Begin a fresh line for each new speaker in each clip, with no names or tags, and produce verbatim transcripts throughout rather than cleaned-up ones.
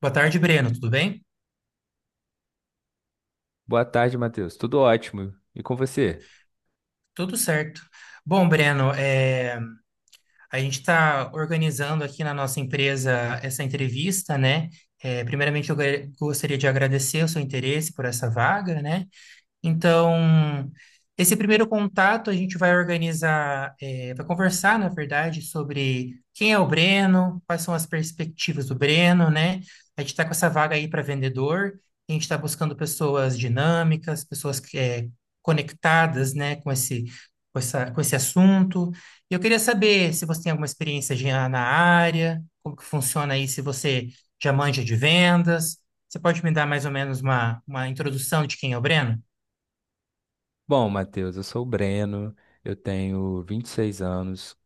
Boa tarde, Breno. Tudo bem?
Boa tarde, Matheus. Tudo ótimo. E com você?
Tudo certo. Bom, Breno, é, a gente está organizando aqui na nossa empresa essa entrevista, né? É, primeiramente, eu gra- gostaria de agradecer o seu interesse por essa vaga, né? Então, esse primeiro contato a gente vai organizar, eh, vai conversar, na verdade, sobre quem é o Breno, quais são as perspectivas do Breno, né? A gente está com essa vaga aí para vendedor, a gente está buscando pessoas dinâmicas, pessoas que, eh, conectadas, né, com esse, com essa, com esse assunto. E eu queria saber se você tem alguma experiência já na área, como que funciona aí, se você já manja de vendas. Você pode me dar mais ou menos uma, uma introdução de quem é o Breno?
Bom, Matheus, eu sou o Breno, eu tenho vinte e seis anos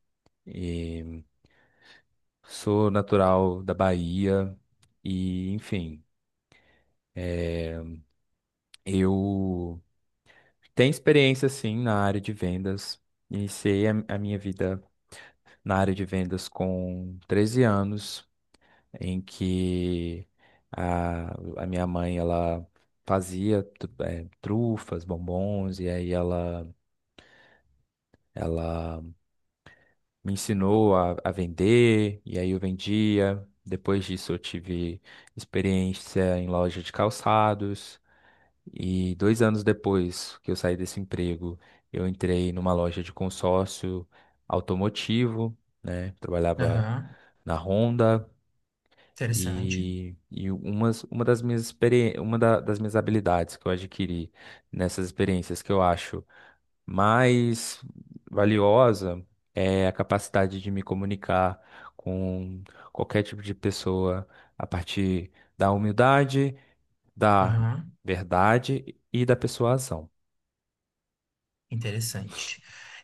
e sou natural da Bahia e, enfim, eu tenho experiência sim na área de vendas. Iniciei a a minha vida na área de vendas com treze anos, em que a, a minha mãe ela fazia tu- eh, trufas, bombons, e aí ela ela me ensinou a, a vender, e aí eu vendia. Depois disso, eu tive experiência em loja de calçados. E dois anos depois que eu saí desse emprego, eu entrei numa loja de consórcio automotivo, né? Trabalhava
Aham,
na Honda.
interessante.
E, e umas, uma das minhas experi- uma da- das minhas habilidades que eu adquiri nessas experiências, que eu acho mais valiosa é a capacidade de me comunicar com qualquer tipo de pessoa a partir da humildade, da
Aham,
verdade e da persuasão.
interessante.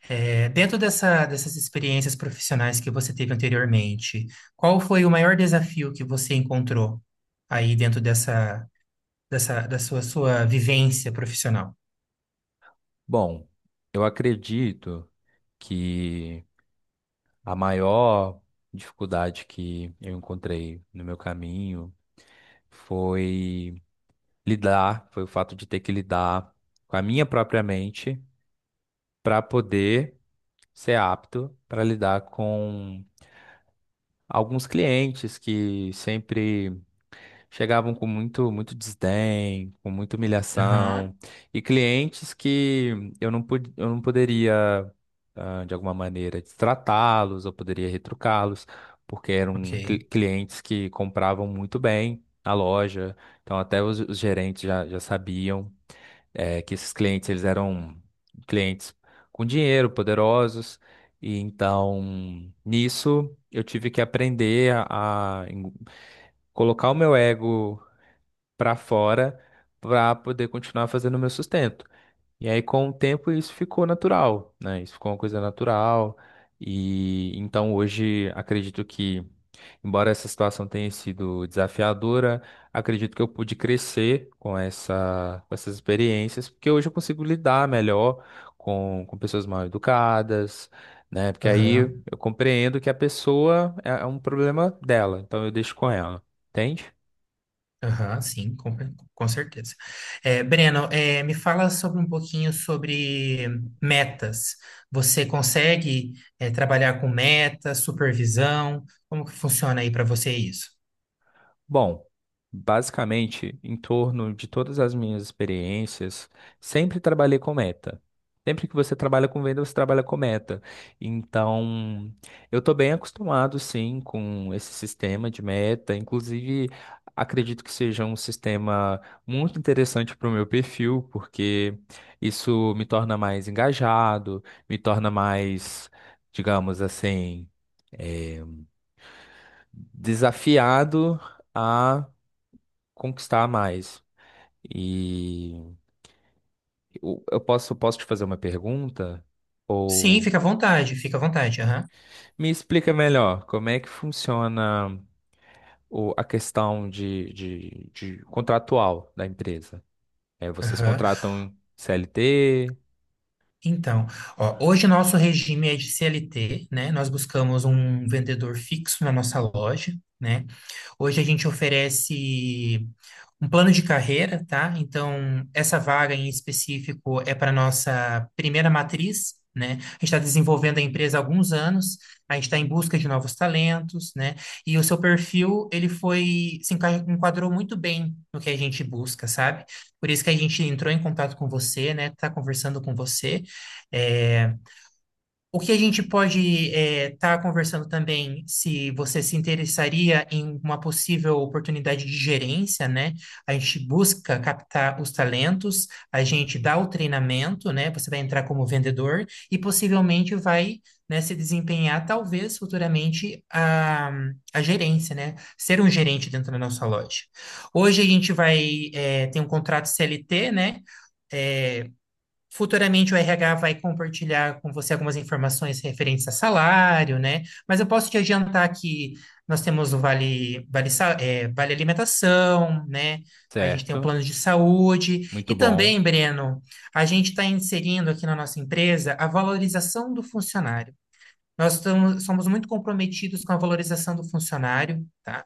É, dentro dessa, dessas experiências profissionais que você teve anteriormente, qual foi o maior desafio que você encontrou aí dentro dessa, dessa, da sua, sua vivência profissional?
Bom, eu acredito que a maior dificuldade que eu encontrei no meu caminho foi lidar, foi o fato de ter que lidar com a minha própria mente para poder ser apto para lidar com alguns clientes que sempre chegavam com muito, muito desdém, com muita
Aham,
humilhação, e clientes que eu não, pod- eu não poderia, ah, de alguma maneira, tratá-los, eu poderia retrucá-los, porque eram cli-
ok.
clientes que compravam muito bem na loja, então até os, os gerentes já, já sabiam, eh, que esses clientes, eles eram clientes com dinheiro, poderosos. E então, nisso, eu tive que aprender a a colocar o meu ego para fora para poder continuar fazendo o meu sustento. E aí, com o tempo, isso ficou natural, né? Isso ficou uma coisa natural. E então hoje acredito que, embora essa situação tenha sido desafiadora, acredito que eu pude crescer com essa, com essas experiências, porque hoje eu consigo lidar melhor com, com pessoas mal educadas, né? Porque aí
Aham.
eu compreendo que a pessoa é é um problema dela, então eu deixo com ela, entende?
Aham, sim, com, com certeza. É, Breno, é, me fala sobre um pouquinho sobre metas. Você consegue, é, trabalhar com metas, supervisão? Como que funciona aí para você isso?
Bom, basicamente, em torno de todas as minhas experiências, sempre trabalhei com meta. Sempre que você trabalha com venda, você trabalha com meta. Então, eu estou bem acostumado, sim, com esse sistema de meta. Inclusive, acredito que seja um sistema muito interessante para o meu perfil, porque isso me torna mais engajado, me torna mais, digamos assim, eh, desafiado a conquistar mais. E eu eu posso, posso te fazer uma pergunta?
Sim,
Ou
fica à vontade, fica à vontade. Aham.
me explica melhor como é que funciona o, a questão de, de, de contratual da empresa. É, vocês
Aham.
contratam C L T,
Então, ó, hoje nosso regime é de C L T, né? Nós buscamos um vendedor fixo na nossa loja, né? Hoje a gente oferece um plano de carreira, tá? Então, essa vaga em específico é para nossa primeira matriz, né? A gente está desenvolvendo a empresa há alguns anos, a gente está em busca de novos talentos, né? E o seu perfil, ele foi, se enca- enquadrou muito bem no que a gente busca, sabe? Por isso que a gente entrou em contato com você, né? Está conversando com você. É, o que a gente pode estar conversando também, se você se interessaria em uma possível oportunidade de gerência, né? A gente busca captar os talentos, a gente dá o treinamento, né? Você vai entrar como vendedor e possivelmente vai, né, se desempenhar, talvez futuramente, a, a gerência, né? Ser um gerente dentro da nossa loja. Hoje a gente vai, eh, ter um contrato C L T, né? Futuramente o R H vai compartilhar com você algumas informações referentes a salário, né? Mas eu posso te adiantar que nós temos o Vale, vale, Sa- é, Vale Alimentação, né? A gente tem o
certo?
plano de saúde.
Muito
E
bom.
também, Breno, a gente está inserindo aqui na nossa empresa a valorização do funcionário. Nós estamos, somos muito comprometidos com a valorização do funcionário, tá?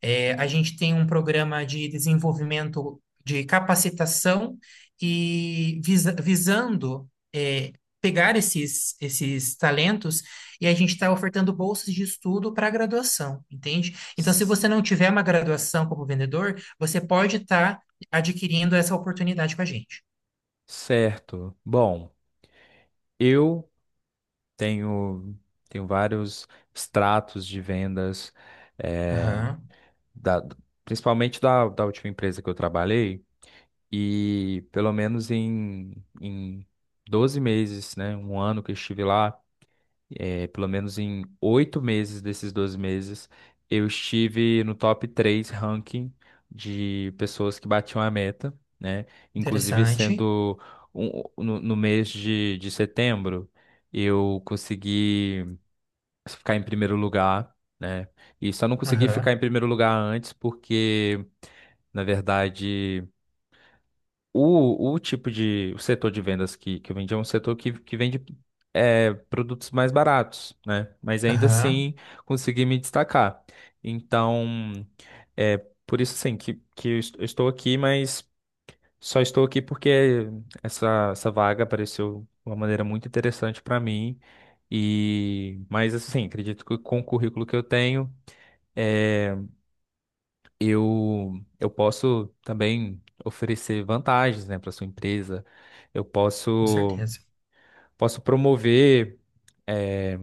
É, a gente tem um programa de desenvolvimento de capacitação e visa- visando é, pegar esses, esses talentos e a gente está ofertando bolsas de estudo para graduação, entende? Então, se
S-
você não tiver uma graduação como vendedor, você pode estar adquirindo essa oportunidade com a gente.
Certo. Bom, eu tenho, tenho vários extratos de vendas, é,
Aham,
da, principalmente da, da última empresa que eu trabalhei. E pelo menos em, em doze meses, né? Um ano que eu estive lá, é pelo menos em oito meses desses doze meses, eu estive no top três ranking de pessoas que batiam a meta, né? Inclusive
interessante.
sendo um- no, no mês de, de setembro, eu consegui ficar em primeiro lugar, né? E só não consegui ficar
Aham,
em primeiro lugar antes porque... Na verdade, o, o tipo de, o setor de vendas que, que eu vendi é um setor que, que vende, é, produtos mais baratos, né? Mas ainda
aham,
assim consegui me destacar. Então, é por isso assim que, que eu est- eu estou aqui, mas só estou aqui porque essa, essa vaga apareceu de uma maneira muito interessante para mim. E, mas assim, acredito que com o currículo que eu tenho, é, eu, eu posso também oferecer vantagens, né, para sua empresa. Eu
com
posso,
certeza.
posso promover, eh,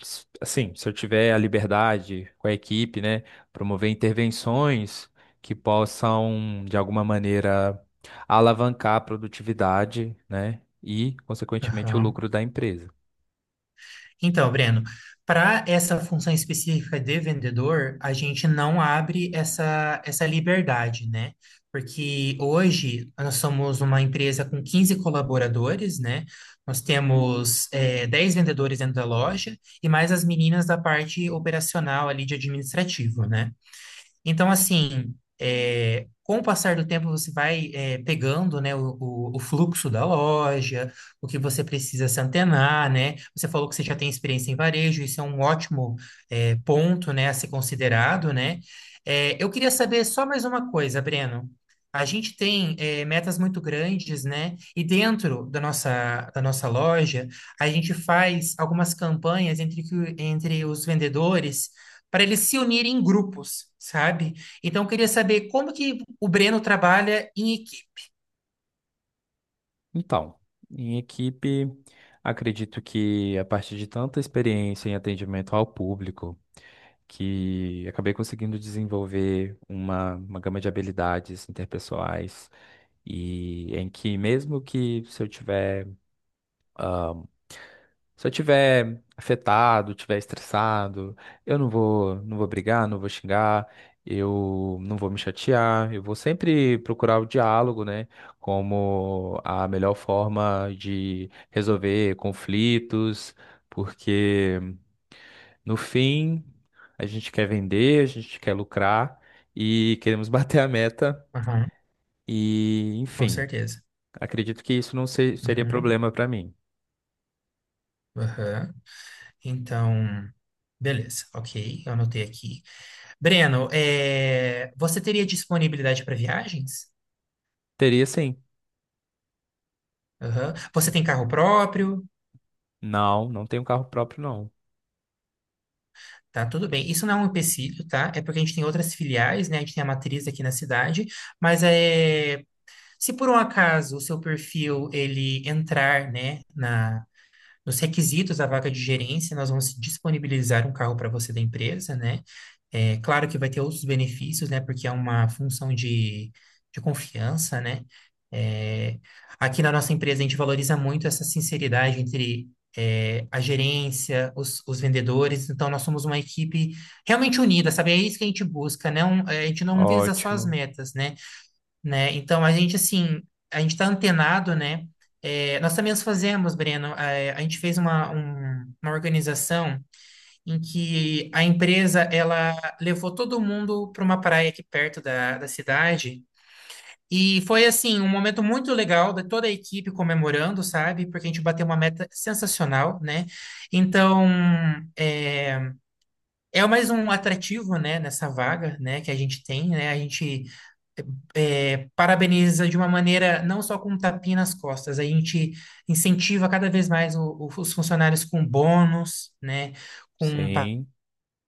s- assim, se eu tiver a liberdade com a equipe, né, promover intervenções que possam, de alguma maneira, alavancar a produtividade, né, e, consequentemente, o
Aham.
lucro da empresa.
Então, Breno, para essa função específica de vendedor, a gente não abre essa, essa liberdade, né? Porque hoje nós somos uma empresa com quinze colaboradores, né? Nós temos eh, dez vendedores dentro da loja e mais as meninas da parte operacional ali de administrativo, né? Então, assim, é, com o passar do tempo, você vai é, pegando, né, o, o- o fluxo da loja, o que você precisa se antenar, né? Você falou que você já tem experiência em varejo, isso é um ótimo é, ponto, né, a ser considerado, né? É, eu queria saber só mais uma coisa, Breno. A gente tem é, metas muito grandes, né? E dentro da nossa, da nossa loja, a gente faz algumas campanhas entre, que- entre os vendedores para eles se unirem em grupos, sabe? Então, eu queria saber como que o Breno trabalha em equipe.
Então, em equipe, acredito que, a partir de tanta experiência em atendimento ao público, que acabei conseguindo desenvolver uma, uma gama de habilidades interpessoais, e em que mesmo que se eu tiver, se eu tiver afetado, tiver estressado, eu não vou, não vou brigar, não vou xingar, eu não vou me chatear, eu vou sempre procurar o diálogo, né, como a melhor forma de resolver conflitos, porque, no fim, a gente quer vender, a gente quer lucrar e queremos bater a meta
Aham,
e,
com
enfim,
certeza.
acredito que isso não se- seria
Uhum,
problema para mim.
aham. Então, beleza, ok, eu anotei aqui. Breno, é, você teria disponibilidade para viagens?
Teria sim.
Aham. Você tem carro próprio?
Não, não tenho carro próprio, não.
Tá, tudo bem. Isso não é um empecilho, tá? É porque a gente tem outras filiais, né? A gente tem a matriz aqui na cidade, mas é, se por um acaso o seu perfil ele entrar, né, na nos requisitos da vaga de gerência, nós vamos disponibilizar um carro para você da empresa, né? É, claro que vai ter outros benefícios, né? Porque é uma função de, de confiança, né? É, Aqui na nossa empresa, a gente valoriza muito essa sinceridade entre é, a gerência, os, os vendedores. Então, nós somos uma equipe realmente unida, sabe? É isso que a gente busca, né? Um- a gente não visa só as
Ótimo.
metas, né? né? Então, a gente, assim, a gente está antenado, né? É, nós também os fazemos, Breno. É, a gente fez uma, um- uma organização em que a empresa ela levou todo mundo para uma praia aqui perto da, da cidade. E foi assim, um momento muito legal de toda a equipe comemorando, sabe? Porque a gente bateu uma meta sensacional, né? Então, é, é mais um atrativo, né, nessa vaga, né, que a gente tem, né? A gente é, parabeniza de uma maneira, não só com um tapinha nas costas, a gente incentiva cada vez mais o- o- os funcionários com bônus, né, com pa-
Sim,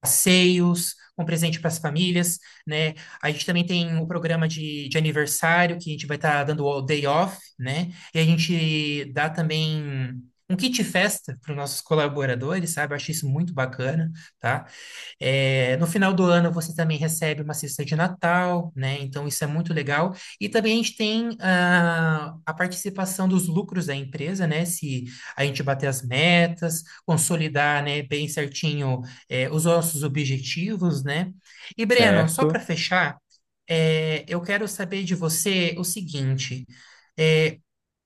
passeios, com presente para as famílias, né, a gente também tem o programa de, de aniversário, que a gente vai estar dando o day off, né, e a gente dá também... Um kit festa para os nossos colaboradores, sabe? Eu acho isso muito bacana, tá? É, no final do ano você também recebe uma cesta de Natal, né? Então isso é muito legal. E também a gente tem ah, a participação dos lucros da empresa, né? Se a gente bater as metas, consolidar, né, bem certinho eh, os nossos objetivos, né? E Breno, só para
certo.
fechar, eh, eu quero saber de você o seguinte: eh,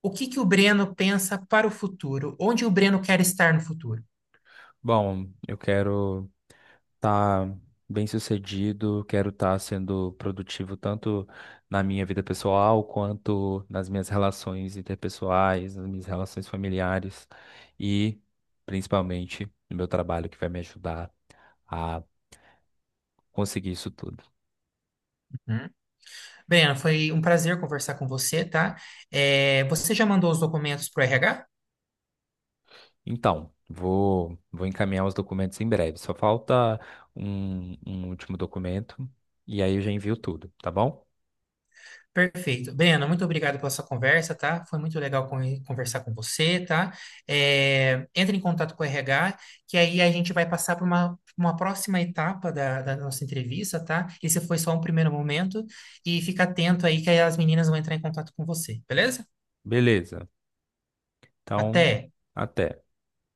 o que que o Breno pensa para o futuro? Onde o Breno quer estar no futuro?
Bom, eu quero tá bem sucedido, quero estar sendo produtivo tanto na minha vida pessoal quanto nas minhas relações interpessoais, nas minhas relações familiares e principalmente no meu trabalho, que vai me ajudar a conseguir isso tudo.
Breno, foi um prazer conversar com você, tá? É, você já mandou os documentos para o R H?
Então, vou, vou encaminhar os documentos em breve. Só falta um, um último documento e aí eu já envio tudo, tá bom?
Perfeito. Breno, muito obrigado pela sua conversa, tá? Foi muito legal con- conversar com você, tá? É, entre em contato com o R H, que aí a gente vai passar para uma, uma próxima etapa da, da nossa entrevista, tá? Esse foi só um primeiro momento. E fica atento aí que aí as meninas vão entrar em contato com você, beleza?
Beleza. Então,
Até!
até.